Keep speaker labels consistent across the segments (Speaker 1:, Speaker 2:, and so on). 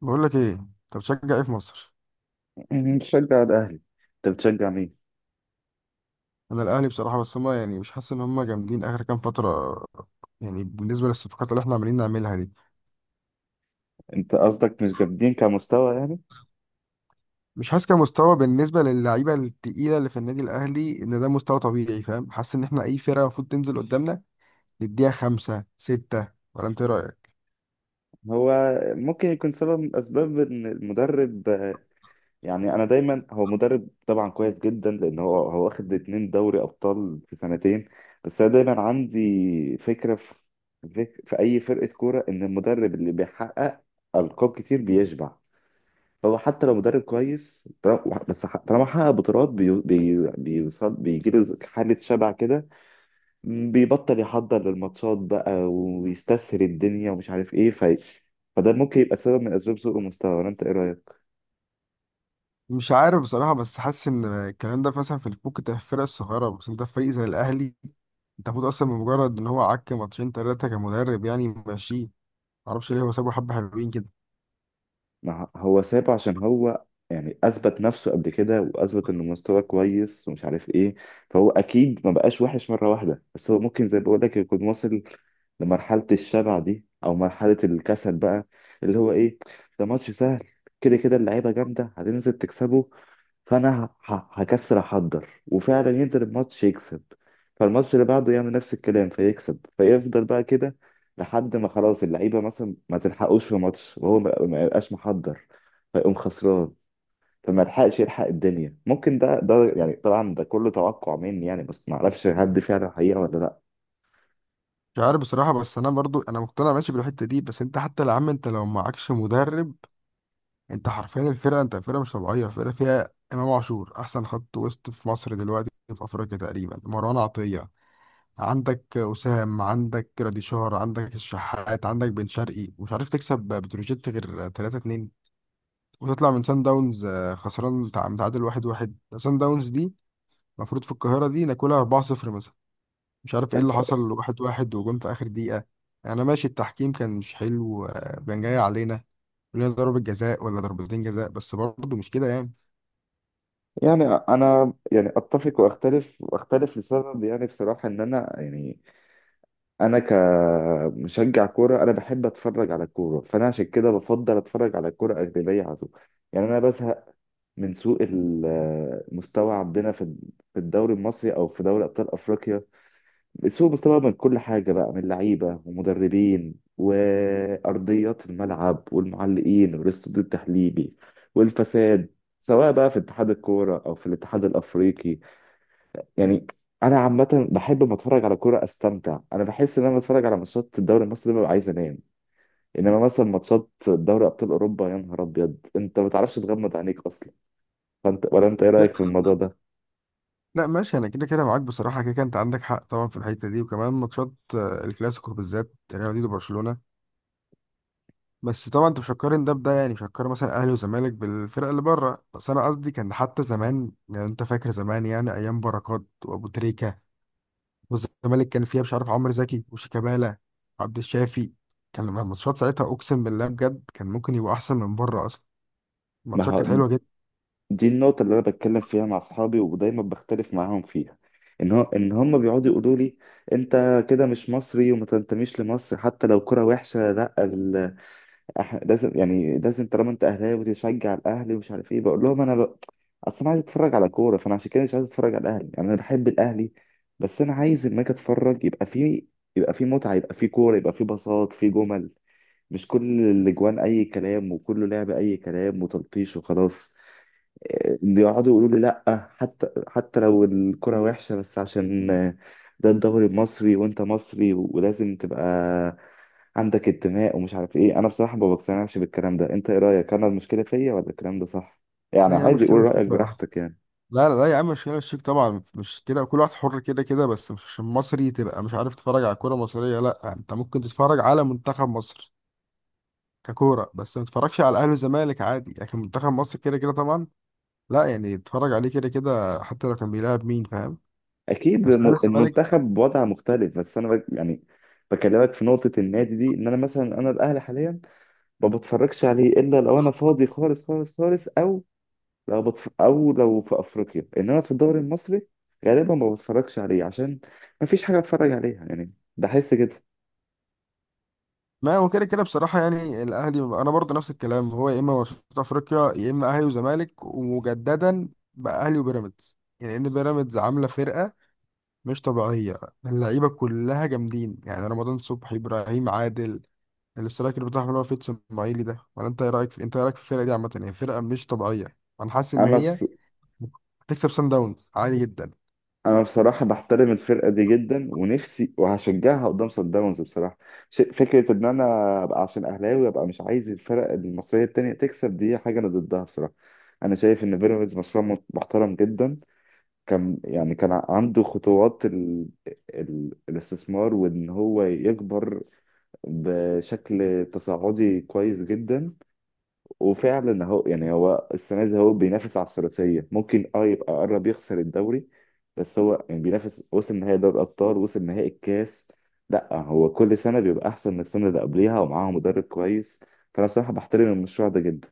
Speaker 1: بقول لك ايه، انت بتشجع ايه في مصر؟
Speaker 2: بشجع الأهلي. أنت بتشجع مين؟
Speaker 1: انا الاهلي بصراحه، بس هما يعني مش حاسس ان هما جامدين اخر كام فتره، يعني بالنسبه للصفقات اللي احنا عمالين نعملها دي.
Speaker 2: أنت قصدك مش جامدين كمستوى يعني؟
Speaker 1: مش حاسس كمستوى بالنسبه للعيبه التقيله اللي في النادي الاهلي ان ده مستوى طبيعي، فاهم؟ حاسس ان احنا اي فرقه المفروض تنزل قدامنا نديها خمسة ستة، ولا انت إيه رايك؟
Speaker 2: هو ممكن يكون سبب من أسباب إن المدرب يعني أنا دايما، هو مدرب طبعا كويس جدا، لأن هو واخد اتنين دوري أبطال في سنتين. بس أنا دايما عندي فكرة في أي فرقة كورة، إن المدرب اللي بيحقق ألقاب كتير بيشبع. هو حتى لو مدرب كويس، طالما حقق بطولات، بي... بي... بيوصل بيجيله حالة شبع كده، بيبطل يحضر للماتشات بقى ويستسهل الدنيا ومش عارف ايه، فده ممكن يبقى سبب من اسباب سوء المستوى، ولا انت ايه رايك؟
Speaker 1: مش عارف بصراحه، بس حاسس ان الكلام ده مثلا في الفوق في الفرق الصغيره، بس انت في فريق زي الاهلي، انت المفروض اصلا بمجرد ان هو عك ماتشين ثلاثه كمدرب يعني ماشي. معرفش ليه هو سابه، حبه حلوين كده.
Speaker 2: ما هو سابه عشان هو يعني اثبت نفسه قبل كده واثبت انه مستواه كويس ومش عارف ايه، فهو اكيد ما بقاش وحش مره واحده، بس هو ممكن زي ما بقول لك يكون واصل لمرحله الشبع دي او مرحله الكسل بقى، اللي هو ايه، ده ماتش سهل، كده كده اللعيبه جامده هتنزل تكسبه، فانا هكسر احضر وفعلا ينزل الماتش يكسب، فالماتش اللي بعده يعمل نفس الكلام فيكسب، فيفضل بقى كده لحد ما خلاص اللعيبه مثلا ما تلحقوش في ماتش وهو ما يبقاش محضر، فيقوم خسران، فما يلحقش يلحق الدنيا. ممكن ده يعني، طبعا ده كله توقع مني يعني، بس ما اعرفش هل دي فعلا حقيقه ولا لا.
Speaker 1: مش عارف بصراحة، بس أنا برضو أنا مقتنع ماشي بالحتة دي، بس أنت حتى يا عم، أنت لو معكش مدرب، أنت حرفيا الفرقة، أنت فرقة مش طبيعية، فرقة فيها إمام عاشور أحسن خط وسط في مصر دلوقتي، في أفريقيا تقريبا، مروان عطية، عندك أسام، عندك ريديشار، عندك الشحات، عندك بن شرقي، ومش عارف تكسب بتروجيت غير 3-2، وتطلع من سان داونز خسران، متعادل 1-1، سان داونز دي المفروض في القاهرة دي ناكلها 4-0 مثلا. مش عارف ايه اللي حصل، واحد واحد وجون في اخر دقيقة. يعني انا ماشي، التحكيم كان مش حلو، كان جاي علينا، لنا ضربة جزاء ولا ضربتين جزاء، بس برضه مش كده يعني.
Speaker 2: يعني انا يعني اتفق واختلف لسبب، يعني بصراحه ان انا يعني انا كمشجع كوره، انا بحب اتفرج على الكوره، فانا عشان كده بفضل اتفرج على الكوره اجنبيه على طول. يعني انا بزهق من سوء المستوى عندنا في الدوري المصري او في دوري ابطال افريقيا، سوء مستوى من كل حاجه بقى، من لعيبه ومدربين وارضيات الملعب والمعلقين والاستوديو التحليلي والفساد، سواء بقى في اتحاد الكوره او في الاتحاد الافريقي. يعني انا عامه بحب ما اتفرج على كوره استمتع، انا بحس ان انا بتفرج على ماتشات الدوري المصري ببقى عايز انام، انما مثلا ماتشات دوري ابطال اوروبا يا نهار ابيض انت ما تعرفش تغمض عينيك اصلا. فانت، ولا انت ايه رايك في الموضوع ده؟
Speaker 1: لا ماشي، انا كده كده معاك بصراحة، كده كده انت عندك حق طبعا في الحتة دي، وكمان ماتشات، الكلاسيكو بالذات، ريال مدريد وبرشلونة. بس طبعا انت مش هتقارن ده بده، يعني مش هتقارن مثلا اهلي وزمالك بالفرق اللي بره، بس انا قصدي كان حتى زمان يعني، انت فاكر زمان، يعني ايام بركات وابو تريكة، والزمالك كان فيها مش عارف عمرو زكي وشيكابالا وعبد الشافي، كان لما الماتشات ساعتها اقسم بالله بجد كان ممكن يبقى احسن من بره اصلا.
Speaker 2: ما
Speaker 1: الماتشات كانت
Speaker 2: هو
Speaker 1: حلوه جدا.
Speaker 2: دي النقطه اللي انا بتكلم فيها مع اصحابي ودايما بختلف معاهم فيها، ان هم بيقعدوا يقولوا لي انت كده مش مصري وما تنتميش لمصر حتى لو كرة وحشه، لا احنا لازم يعني لازم طالما انت اهلاوي وتشجع الاهلي ومش عارف ايه. بقول لهم انا اصل انا عايز اتفرج على كوره، فانا عشان كده مش عايز اتفرج على الاهلي. يعني انا بحب الاهلي بس انا عايز لما اجي اتفرج يبقى في، يبقى في متعه، يبقى في كوره، يبقى في بساط، في جمل، مش كل الاجوان اي كلام وكله لعب اي كلام وتلطيش وخلاص. اللي يقعدوا يقولوا لي لا، حتى لو الكوره وحشه، بس عشان ده الدوري المصري وانت مصري ولازم تبقى عندك انتماء ومش عارف ايه. انا بصراحه ما بقتنعش بالكلام ده. انت ايه رايك؟ انا المشكله فيا ولا الكلام ده صح؟ يعني
Speaker 1: لا يا عم،
Speaker 2: عادي
Speaker 1: مش كده،
Speaker 2: قول
Speaker 1: مش
Speaker 2: رايك
Speaker 1: فيك بقى.
Speaker 2: براحتك يعني.
Speaker 1: لا لا لا يا عم، مش كده، مش فيك طبعا، مش كده، كل واحد حر كده كده، بس مش عشان مصري تبقى مش عارف تتفرج على كوره مصريه. لا، انت ممكن تتفرج على منتخب مصر ككوره، بس ما تتفرجش على الاهلي والزمالك عادي، لكن منتخب مصر كده كده طبعا لا، يعني تتفرج عليه كده كده حتى لو كان بيلعب مين، فاهم؟
Speaker 2: اكيد
Speaker 1: بس الاهلي والزمالك.
Speaker 2: المنتخب بوضع مختلف، بس انا يعني بكلمك في نقطه النادي دي، ان انا مثلا انا الاهلي حاليا ما بتفرجش عليه الا لو انا فاضي خالص خالص خالص، او لو في افريقيا، انما في الدوري المصري غالبا ما بتفرجش عليه عشان ما فيش حاجه اتفرج عليها يعني، بحس كده.
Speaker 1: ما هو كده كده بصراحة، يعني الأهلي أنا برضه نفس الكلام، هو يا إما ماتشات أفريقيا، يا إما أهلي وزمالك، ومجددا بقى أهلي وبيراميدز. يعني إن بيراميدز عاملة فرقة مش طبيعية، اللعيبة كلها جامدين، يعني رمضان صبحي، إبراهيم عادل، الاسترايكر بتاعهم اللي هو فيتس إسماعيلي ده. ولا أنت إيه رأيك في، أنت إيه رأيك في الفرقة دي عامة؟ يعني فرقة مش طبيعية، أنا حاسس إن
Speaker 2: انا
Speaker 1: هي
Speaker 2: بس
Speaker 1: هتكسب سان داونز عادي جدا.
Speaker 2: انا بصراحه بحترم الفرقه دي جدا، ونفسي وهشجعها قدام صن داونز بصراحه. فكره ان انا ابقى عشان اهلاوي ابقى مش عايز الفرق المصريه التانية تكسب، دي حاجه انا ضدها بصراحه. انا شايف ان بيراميدز مشروع محترم جدا، كان يعني كان عنده خطوات الاستثمار وان هو يكبر بشكل تصاعدي كويس جدا. وفعلا يعني هو السنه دي هو بينافس على الثلاثيه، ممكن يبقى قرب يخسر الدوري بس هو يعني بينافس، وصل نهائي دوري الابطال، وصل نهائي الكاس، لا هو كل سنه بيبقى احسن من السنه اللي قبليها ومعاه مدرب كويس، فانا صراحه بحترم المشروع ده جدا.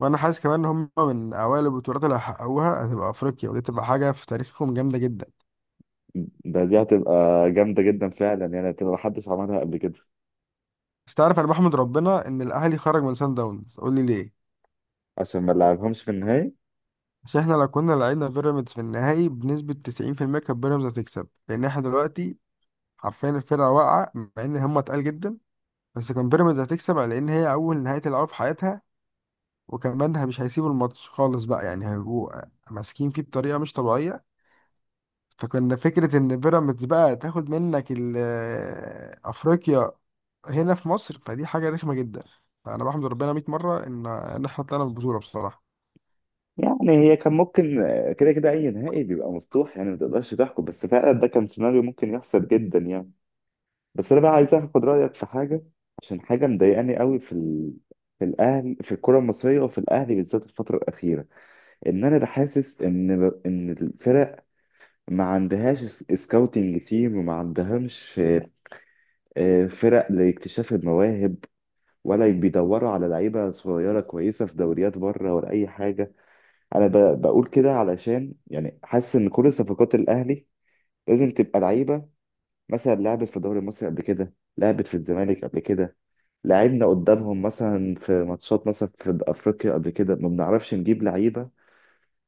Speaker 1: وأنا حاسس كمان إن هم من أوائل البطولات اللي هيحققوها هتبقى أفريقيا، ودي تبقى حاجة في تاريخهم جامدة جدا.
Speaker 2: دي هتبقى جامده جدا فعلا يعني، هتبقى محدش عملها قبل كده.
Speaker 1: بس تعرف انا بحمد ربنا ان الاهلي خرج من سان داونز، قول لي ليه.
Speaker 2: عشان ما نلعبهمش في النهائي.
Speaker 1: عشان احنا لو كنا لعبنا بيراميدز في النهائي، بنسبة 90% كانت بيراميدز هتكسب، لان احنا دلوقتي حرفيا الفرقة واقعة مع ان هم تقال جدا، بس كان بيراميدز هتكسب على ان هي اول نهائي تلعبها في حياتها، وكمان مش هيسيبوا الماتش خالص بقى، يعني هيبقوا ماسكين فيه بطريقة مش طبيعية. فكنا فكرة ان بيراميدز بقى تاخد منك افريقيا هنا في مصر، فدي حاجة رخمة جدا. فانا بحمد ربنا 100 مرة ان احنا طلعنا بالبطولة بصراحة.
Speaker 2: يعني هي كان ممكن، كده كده اي نهائي بيبقى مفتوح يعني ما تقدرش تحكم، بس فعلا ده كان سيناريو ممكن يحصل جدا يعني. بس انا بقى عايز اخد رايك في حاجه، عشان حاجه مضايقاني قوي في الاهلي، في الكره المصريه وفي الاهلي بالذات الفتره الاخيره، ان انا بحاسس ان الفرق ما عندهاش سكاوتنج تيم وما عندهمش فرق لاكتشاف المواهب، ولا بيدوروا على لعيبه صغيره كويسه في دوريات بره، ولا اي حاجه. انا بقول كده علشان يعني حاسس ان كل صفقات الاهلي لازم تبقى لعيبه مثلا لعبت في الدوري المصري قبل كده، لعبت في الزمالك قبل كده، لعبنا قدامهم مثلا في ماتشات مثلا في افريقيا قبل كده، ما بنعرفش نجيب لعيبه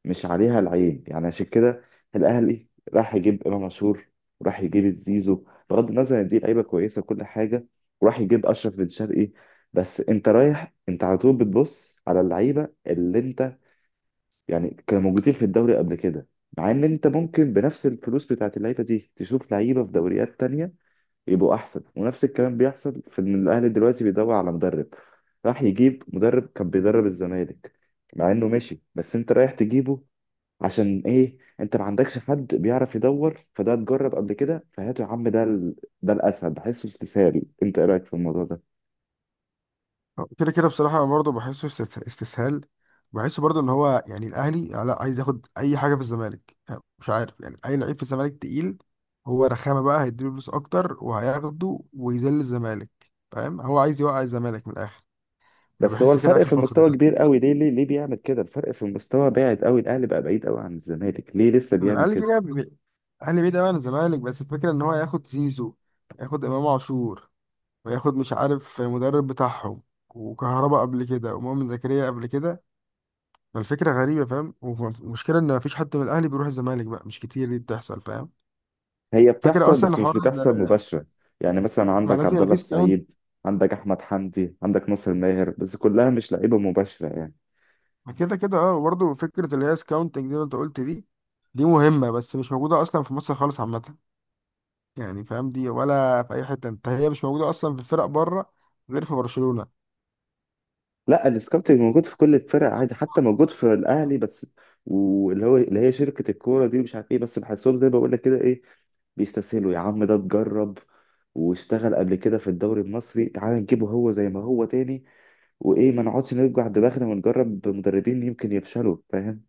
Speaker 2: مش عليها العين يعني. عشان كده الاهلي راح يجيب امام عاشور، وراح يجيب الزيزو، بغض النظر ان دي لعيبه كويسه وكل حاجه، وراح يجيب اشرف بن شرقي. بس انت رايح انت على طول بتبص على اللعيبه اللي انت يعني كانوا موجودين في الدوري قبل كده، مع ان انت ممكن بنفس الفلوس بتاعت اللعيبه دي تشوف لعيبه في دوريات تانية يبقوا احسن. ونفس الكلام بيحصل في ان الاهلي دلوقتي بيدور على مدرب، راح يجيب مدرب كان بيدرب الزمالك مع انه مشي، بس انت رايح تجيبه عشان ايه؟ انت ما عندكش حد بيعرف يدور، فده اتجرب قبل كده فهاته يا عم، ده الاسهل، بحسه استسهال. انت ايه رايك في الموضوع ده؟
Speaker 1: كده كده بصراحة أنا برضه بحسه استسهال. بحسه برضه إن هو يعني الأهلي لا، عايز ياخد أي حاجة في الزمالك، يعني مش عارف، يعني أي لعيب في الزمالك تقيل، هو رخامة بقى هيديله فلوس أكتر وهياخده ويذل الزمالك، فاهم؟ هو عايز يوقع الزمالك من الآخر. أنا
Speaker 2: بس هو
Speaker 1: بحس كده
Speaker 2: الفرق
Speaker 1: آخر
Speaker 2: في
Speaker 1: فترة دي
Speaker 2: المستوى كبير قوي، ليه ليه ليه بيعمل كده؟ الفرق في المستوى بعد قوي، الاهلي بقى بعيد قوي عن الزمالك، ليه لسه
Speaker 1: من
Speaker 2: بيعمل
Speaker 1: الأهلي كده
Speaker 2: كده؟
Speaker 1: كده، الأهلي بعيد أوي عن الزمالك، بس الفكرة إن هو ياخد زيزو، ياخد إمام عاشور، وياخد مش عارف المدرب بتاعهم، وكهربا قبل كده، ومؤمن زكريا قبل كده. الفكرة غريبة، فاهم؟ والمشكلة إن مفيش حد من الأهلي بيروح الزمالك بقى، مش كتير دي بتحصل، فاهم؟
Speaker 2: هي
Speaker 1: فكرة
Speaker 2: بتحصل
Speaker 1: أصلا
Speaker 2: بس
Speaker 1: حوار
Speaker 2: مش بتحصل مباشرة. يعني مثلا
Speaker 1: ما
Speaker 2: عندك
Speaker 1: لازم
Speaker 2: عبد
Speaker 1: يبقى
Speaker 2: الله
Speaker 1: فيه سكاونت.
Speaker 2: السعيد، عندك احمد حمدي، عندك ناصر ماهر، بس كلها مش لعيبة مباشرة يعني.
Speaker 1: كده كده أه، وبرضه فكرة اللي هي سكاونتنج دي اللي أنت قلت دي، دي مهمة بس مش موجودة أصلا في مصر خالص عامة، يعني فاهم؟ دي ولا في أي حتة أنت، هي مش موجودة أصلا في فرق بره غير في برشلونة.
Speaker 2: لا، السكاوتنج موجود في كل الفرق عادي، حتى موجود في الاهلي، بس واللي هو اللي هي شركة الكورة دي مش عارف ايه، بس بحسهم زي ما بقول لك كده ايه، بيستسهلوا. يا عم ده اتجرب واشتغل قبل كده في الدوري المصري، تعال نجيبه هو زي ما هو تاني، وايه ما نقعدش نرجع دماغنا ونجرب مدربين يمكن يفشلوا، فاهم؟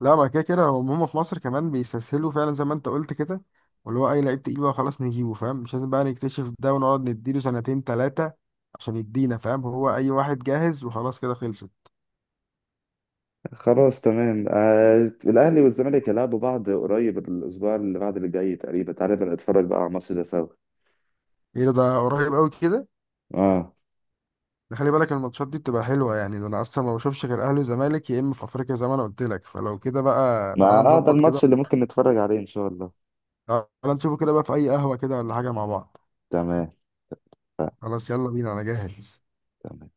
Speaker 1: لا، ما كده كده هم في مصر كمان بيستسهلوا فعلا زي ما انت قلت كده، واللي هو اي لعيب تقيل بقى خلاص نجيبه، فاهم؟ مش لازم بقى نكتشف ده ونقعد نديله سنتين تلاتة عشان يدينا، فاهم؟ هو اي واحد جاهز وخلاص كده خلصت.
Speaker 2: خلاص تمام. الاهلي والزمالك هيلعبوا بعض قريب، الاسبوع اللي بعد اللي جاي تقريبا، تعالى نبقى نتفرج بقى على الماتش ده سوا.
Speaker 1: ايه ده قريب قوي كده؟
Speaker 2: اه.
Speaker 1: ده خلي بالك الماتشات دي بتبقى حلوة يعني، ده انا اصلا ما بشوفش غير اهلي وزمالك يا اما في افريقيا زي ما انا قلت لك، فلو كده بقى
Speaker 2: ما
Speaker 1: تعالى
Speaker 2: ده
Speaker 1: نظبط كده.
Speaker 2: الماتش اللي ممكن نتفرج عليه ان شاء الله.
Speaker 1: تعالى نشوفه كده بقى في اي قهوة كده ولا حاجة مع بعض.
Speaker 2: تمام.
Speaker 1: خلاص يلا بينا انا جاهز.
Speaker 2: تمام.